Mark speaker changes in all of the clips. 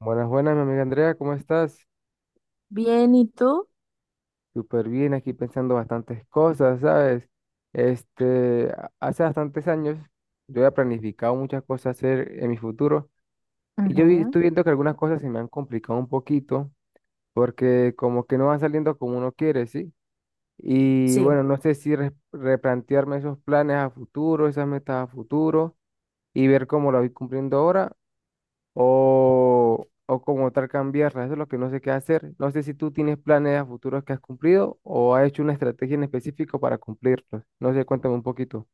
Speaker 1: Buenas, buenas, mi amiga Andrea, ¿cómo estás?
Speaker 2: Bien, ¿y tú?
Speaker 1: Súper bien, aquí pensando bastantes cosas, ¿sabes? Hace bastantes años yo había planificado muchas cosas hacer en mi futuro y
Speaker 2: Ujú.
Speaker 1: estoy viendo que algunas cosas se me han complicado un poquito porque como que no van saliendo como uno quiere, ¿sí? Y
Speaker 2: Sí,
Speaker 1: bueno, no sé si replantearme esos planes a futuro, esas metas a futuro y ver cómo lo voy cumpliendo ahora o como tal cambiarla. Eso es lo que no sé qué hacer. No sé si tú tienes planes a futuros que has cumplido o has hecho una estrategia en específico para cumplirlos. No sé, cuéntame un poquito.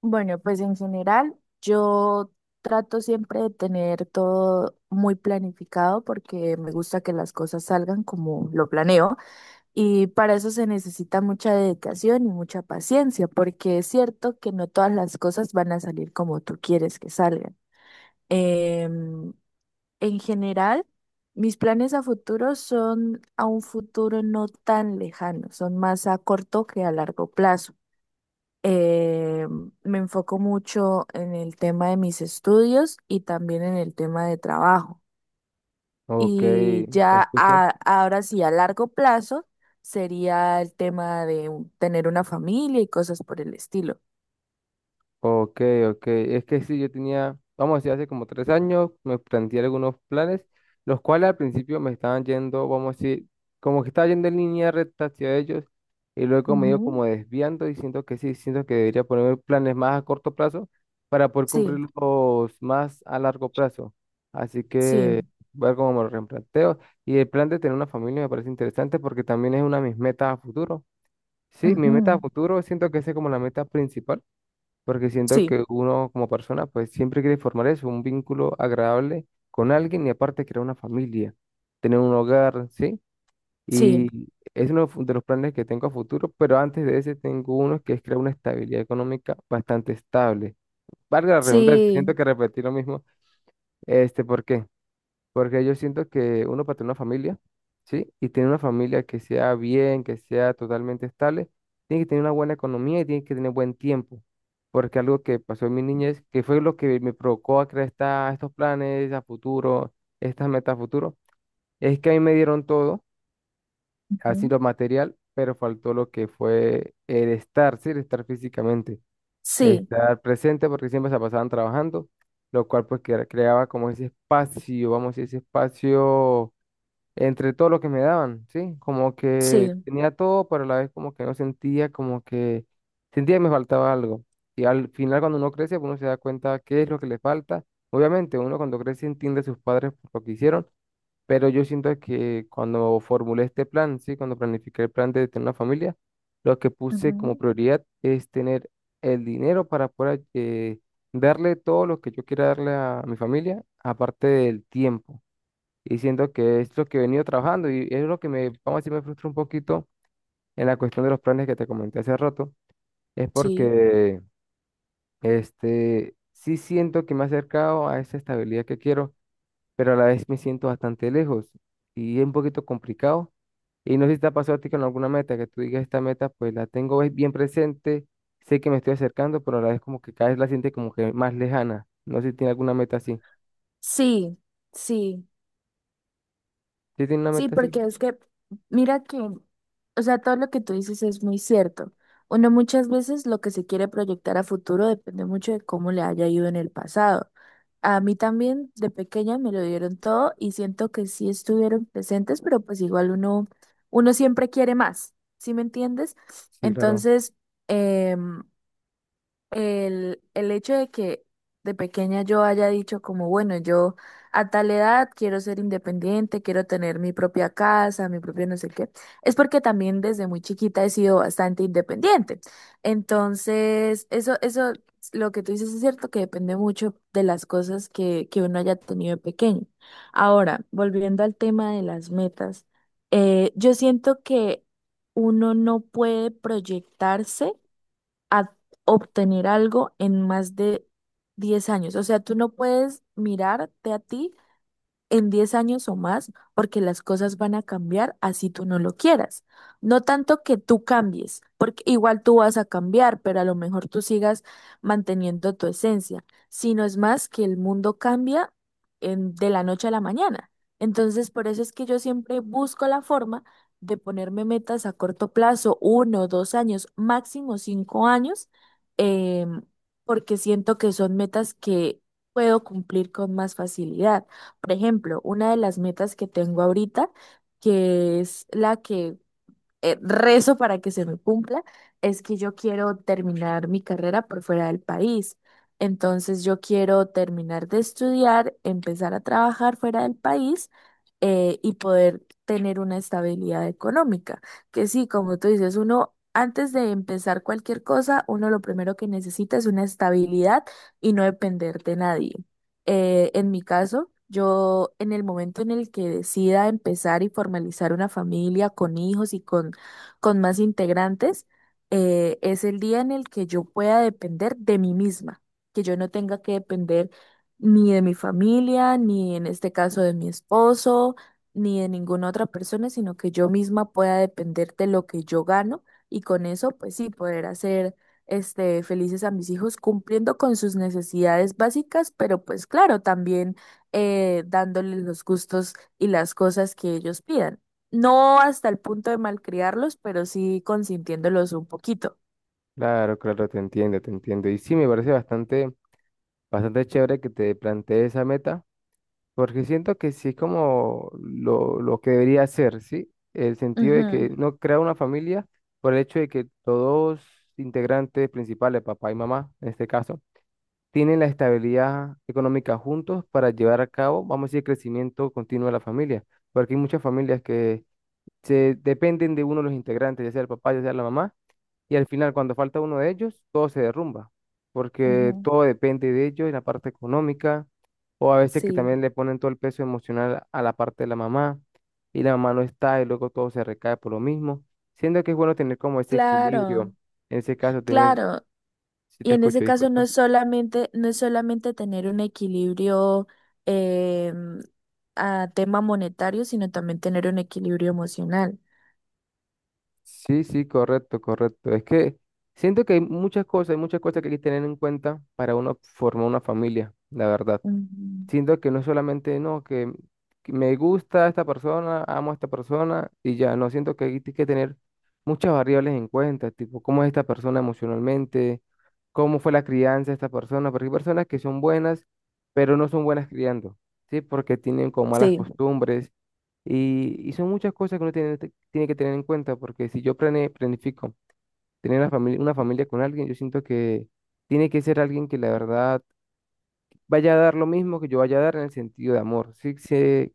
Speaker 2: bueno, pues en general yo trato siempre de tener todo muy planificado porque me gusta que las cosas salgan como lo planeo y para eso se necesita mucha dedicación y mucha paciencia porque es cierto que no todas las cosas van a salir como tú quieres que salgan. Em, en general, mis planes a futuro son a un futuro no tan lejano, son más a corto que a largo plazo. Eh, Me enfoco mucho en el tema de mis estudios y también en el tema de trabajo.
Speaker 1: Ok,
Speaker 2: Y
Speaker 1: te
Speaker 2: ya
Speaker 1: escucho.
Speaker 2: ahora sí, a largo plazo, sería el tema de tener una familia y cosas por el estilo.
Speaker 1: Ok, ok. Es que sí, yo tenía, vamos a decir, hace como tres años me planteé algunos planes, los cuales al principio me estaban yendo, vamos a decir, como que estaba yendo en línea recta hacia ellos y luego me he ido
Speaker 2: Ujú.
Speaker 1: como desviando y siento que sí, siento que debería ponerme planes más a corto plazo para poder
Speaker 2: Sí,
Speaker 1: cumplirlos más a largo plazo. Así
Speaker 2: sí,
Speaker 1: que voy a ver cómo me lo replanteo. Y el plan de tener una familia me parece interesante porque también es una de mis metas a futuro. Sí, mi meta a
Speaker 2: ujú.
Speaker 1: futuro siento que esa es como la meta principal porque siento
Speaker 2: Sí,
Speaker 1: que uno como persona pues siempre quiere formar eso, un vínculo agradable con alguien y aparte crear una familia, tener un hogar, ¿sí?
Speaker 2: sí,
Speaker 1: Y es uno de los planes que tengo a futuro, pero antes de ese tengo uno que es crear una estabilidad económica bastante estable. Valga la redundancia, siento
Speaker 2: sí,
Speaker 1: que repetí lo mismo, ¿por qué? Porque yo siento que uno para tener una familia, ¿sí? Y tener una familia que sea bien, que sea totalmente estable, tiene que tener una buena economía y tiene que tener buen tiempo. Porque algo que pasó en mi niñez, que fue lo que me provocó a crear estos planes a futuro, estas metas a futuro, es que a mí me dieron todo, así
Speaker 2: ujú,
Speaker 1: lo material, pero faltó lo que fue el estar, ¿sí? El estar físicamente,
Speaker 2: sí,
Speaker 1: estar presente, porque siempre se pasaban trabajando, lo cual pues creaba como ese espacio, vamos a decir, ese espacio entre todo lo que me daban, ¿sí? Como que
Speaker 2: sí,
Speaker 1: tenía todo, pero a la vez como que no sentía, como que sentía que me faltaba algo. Y al final cuando uno crece, uno se da cuenta qué es lo que le falta. Obviamente, uno cuando crece entiende a sus padres por lo que hicieron, pero yo siento que cuando formulé este plan, ¿sí? Cuando planifiqué el plan de tener una familia, lo que puse como
Speaker 2: ujú,
Speaker 1: prioridad es tener el dinero para poder darle todo lo que yo quiera darle a mi familia, aparte del tiempo y siento que es lo que he venido trabajando y es lo que me, vamos a decir, me frustra un poquito en la cuestión de los planes que te comenté hace rato, es
Speaker 2: sí,
Speaker 1: porque sí siento que me he acercado a esa estabilidad que quiero, pero a la vez me siento bastante lejos y es un poquito complicado. Y no sé si te ha pasado a ti con alguna meta, que tú digas esta meta, pues la tengo es bien presente, sé que me estoy acercando, pero a la vez como que cada vez la siente como que más lejana. No sé si tiene alguna meta así.
Speaker 2: sí, sí.
Speaker 1: ¿Sí tiene una
Speaker 2: Sí,
Speaker 1: meta así?
Speaker 2: porque es que, mira que, o sea, todo lo que tú dices es muy cierto. Uno muchas veces lo que se quiere proyectar a futuro depende mucho de cómo le haya ido en el pasado. A mí también de pequeña me lo dieron todo y siento que sí estuvieron presentes, pero pues igual uno siempre quiere más, ¿sí me entiendes?
Speaker 1: Sí, claro.
Speaker 2: Entonces, em, el hecho de que de pequeña yo haya dicho como, bueno, yo a tal edad quiero ser independiente, quiero tener mi propia casa, mi propio no sé qué, es porque también desde muy chiquita he sido bastante independiente. Entonces, lo que tú dices es cierto que depende mucho de las cosas que uno haya tenido de pequeño. Ahora, volviendo al tema de las metas, yo siento que uno no puede proyectarse a obtener algo en más de 10 años. O sea, tú no puedes mirarte a ti en 10 años o más, porque las cosas van a cambiar así tú no lo quieras. No tanto que tú cambies, porque igual tú vas a cambiar, pero a lo mejor tú sigas manteniendo tu esencia, sino es más que el mundo cambia de la noche a la mañana. Entonces, por eso es que yo siempre busco la forma de ponerme metas a corto plazo, uno, 2 años, máximo 5 años, em, porque siento que son metas que puedo cumplir con más facilidad. Por ejemplo, una de las metas que tengo ahorita, que es la que rezo para que se me cumpla, es que yo quiero terminar mi carrera por fuera del país. Entonces yo quiero terminar de estudiar, empezar a trabajar fuera del país, y poder tener una estabilidad económica. Que sí, como tú dices, uno antes de empezar cualquier cosa, uno lo primero que necesita es una estabilidad y no depender de nadie. En mi caso, yo en el momento en el que decida empezar y formalizar una familia con hijos y con más integrantes, es el día en el que yo pueda depender de mí misma, que yo no tenga que depender ni de mi familia, ni en este caso de mi esposo, ni de ninguna otra persona, sino que yo misma pueda depender de lo que yo gano y con eso, pues sí, poder hacer felices a mis hijos cumpliendo con sus necesidades básicas, pero pues claro, también dándoles los gustos y las cosas que ellos pidan. No hasta el punto de malcriarlos, pero sí consintiéndolos un poquito.
Speaker 1: Claro, claro, te entiendo, te entiendo. Y sí, me parece bastante, bastante chévere que te plantees esa meta, porque siento que sí es como lo que debería hacer, ¿sí? El sentido de que
Speaker 2: Ujú,
Speaker 1: no crea una familia por el hecho de que todos integrantes principales, papá y mamá, en este caso, tienen la estabilidad económica juntos para llevar a cabo, vamos a decir, el crecimiento continuo de la familia, porque hay muchas familias que se dependen de uno de los integrantes, ya sea el papá, ya sea la mamá, y al final cuando falta uno de ellos, todo se derrumba, porque
Speaker 2: ujú.
Speaker 1: todo depende de ellos en la parte económica, o a veces que
Speaker 2: Sí,
Speaker 1: también le ponen todo el peso emocional a la parte de la mamá, y la mamá no está, y luego todo se recae por lo mismo, siendo que es bueno tener como ese
Speaker 2: claro,
Speaker 1: equilibrio, en ese caso tener,
Speaker 2: claro.
Speaker 1: si
Speaker 2: Y
Speaker 1: te
Speaker 2: en
Speaker 1: escucho,
Speaker 2: ese caso no
Speaker 1: disculpa.
Speaker 2: es solamente, no es solamente tener un equilibrio em, a tema monetario, sino también tener un equilibrio emocional.
Speaker 1: Sí, sí, correcto, correcto. Es que siento que hay muchas cosas que hay que tener en cuenta para uno formar una familia, la verdad.
Speaker 2: Ujú.
Speaker 1: Siento que no es solamente, no, que me gusta esta persona, amo a esta persona y ya, no, siento que hay que tener muchas variables en cuenta, tipo, cómo es esta persona emocionalmente, cómo fue la crianza de esta persona, porque hay personas que son buenas, pero no son buenas criando, ¿sí? Porque tienen como malas
Speaker 2: Sí,
Speaker 1: costumbres y son muchas cosas que uno tiene, tiene que tener en cuenta, porque si yo planifico tener una familia con alguien, yo siento que tiene que ser alguien que la verdad vaya a dar lo mismo que yo vaya a dar en el sentido de amor, ¿sí? Se-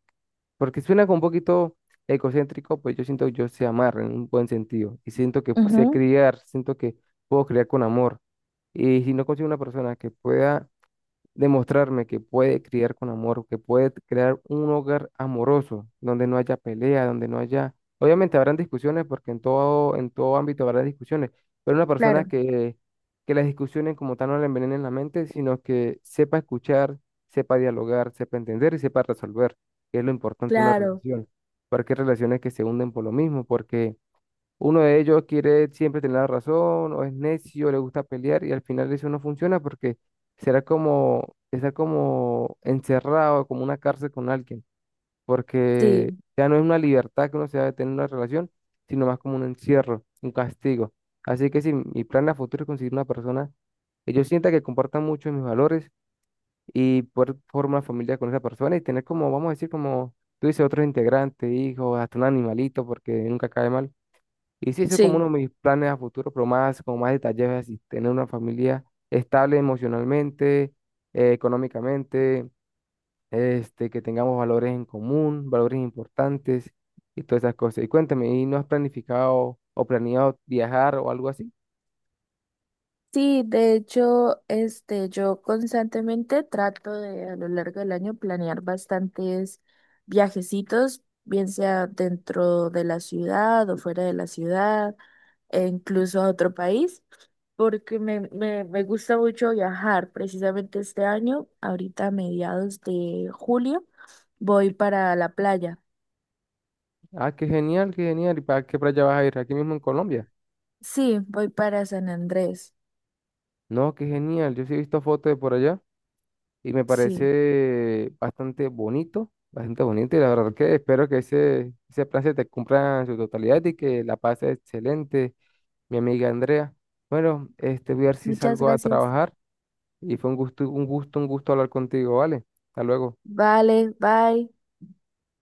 Speaker 1: porque suena como un poquito egocéntrico, pues yo siento que yo sé amar en un buen sentido y siento que sé
Speaker 2: ujú.
Speaker 1: criar, siento que puedo criar con amor. Y si no consigo una persona que pueda demostrarme que puede criar con amor, que puede crear un hogar amoroso, donde no haya pelea, donde no haya... Obviamente habrán discusiones, porque en todo ámbito habrá discusiones, pero una persona
Speaker 2: Claro,
Speaker 1: que las discusiones como tal no le envenenen la mente, sino que sepa escuchar, sepa dialogar, sepa entender y sepa resolver, que es lo importante de una
Speaker 2: claro,
Speaker 1: relación, porque hay relaciones que se hunden por lo mismo, porque uno de ellos quiere siempre tener la razón, o es necio, le gusta pelear, y al final eso no funciona porque será como estar como encerrado, como una cárcel con alguien, porque
Speaker 2: sí,
Speaker 1: ya no es una libertad que uno se va a tener en una relación, sino más como un encierro, un castigo. Así que si mi plan a futuro es conseguir una persona que yo sienta que comparta mucho mis valores y poder formar una familia con esa persona y tener como, vamos a decir, como tú dices, otros integrantes, hijos, hasta un animalito, porque nunca cae mal. Y sí, eso es como
Speaker 2: sí.
Speaker 1: uno de mis planes a futuro, pero más, como más detallados, así, tener una familia estable emocionalmente, económicamente, que tengamos valores en común, valores importantes y todas esas cosas. Y cuéntame, ¿y no has planificado o planeado viajar o algo así?
Speaker 2: Sí, de hecho, yo constantemente trato de a lo largo del año planear bastantes viajecitos, bien sea dentro de la ciudad o fuera de la ciudad, e incluso a otro país, porque me gusta mucho viajar. Precisamente este año, ahorita a mediados de julio, voy para la playa.
Speaker 1: Ah, qué genial, qué genial. ¿Y para qué playa vas a ir? Aquí mismo en Colombia.
Speaker 2: Sí, voy para San Andrés.
Speaker 1: No, qué genial. Yo sí he visto fotos de por allá. Y me
Speaker 2: Sí,
Speaker 1: parece bastante bonito y la verdad que espero que ese plan se te cumpla en su totalidad y que la pases excelente, mi amiga Andrea. Bueno, voy a ver si
Speaker 2: muchas
Speaker 1: salgo a
Speaker 2: gracias.
Speaker 1: trabajar y fue un gusto, un gusto, un gusto hablar contigo, ¿vale? Hasta luego.
Speaker 2: Vale, bye.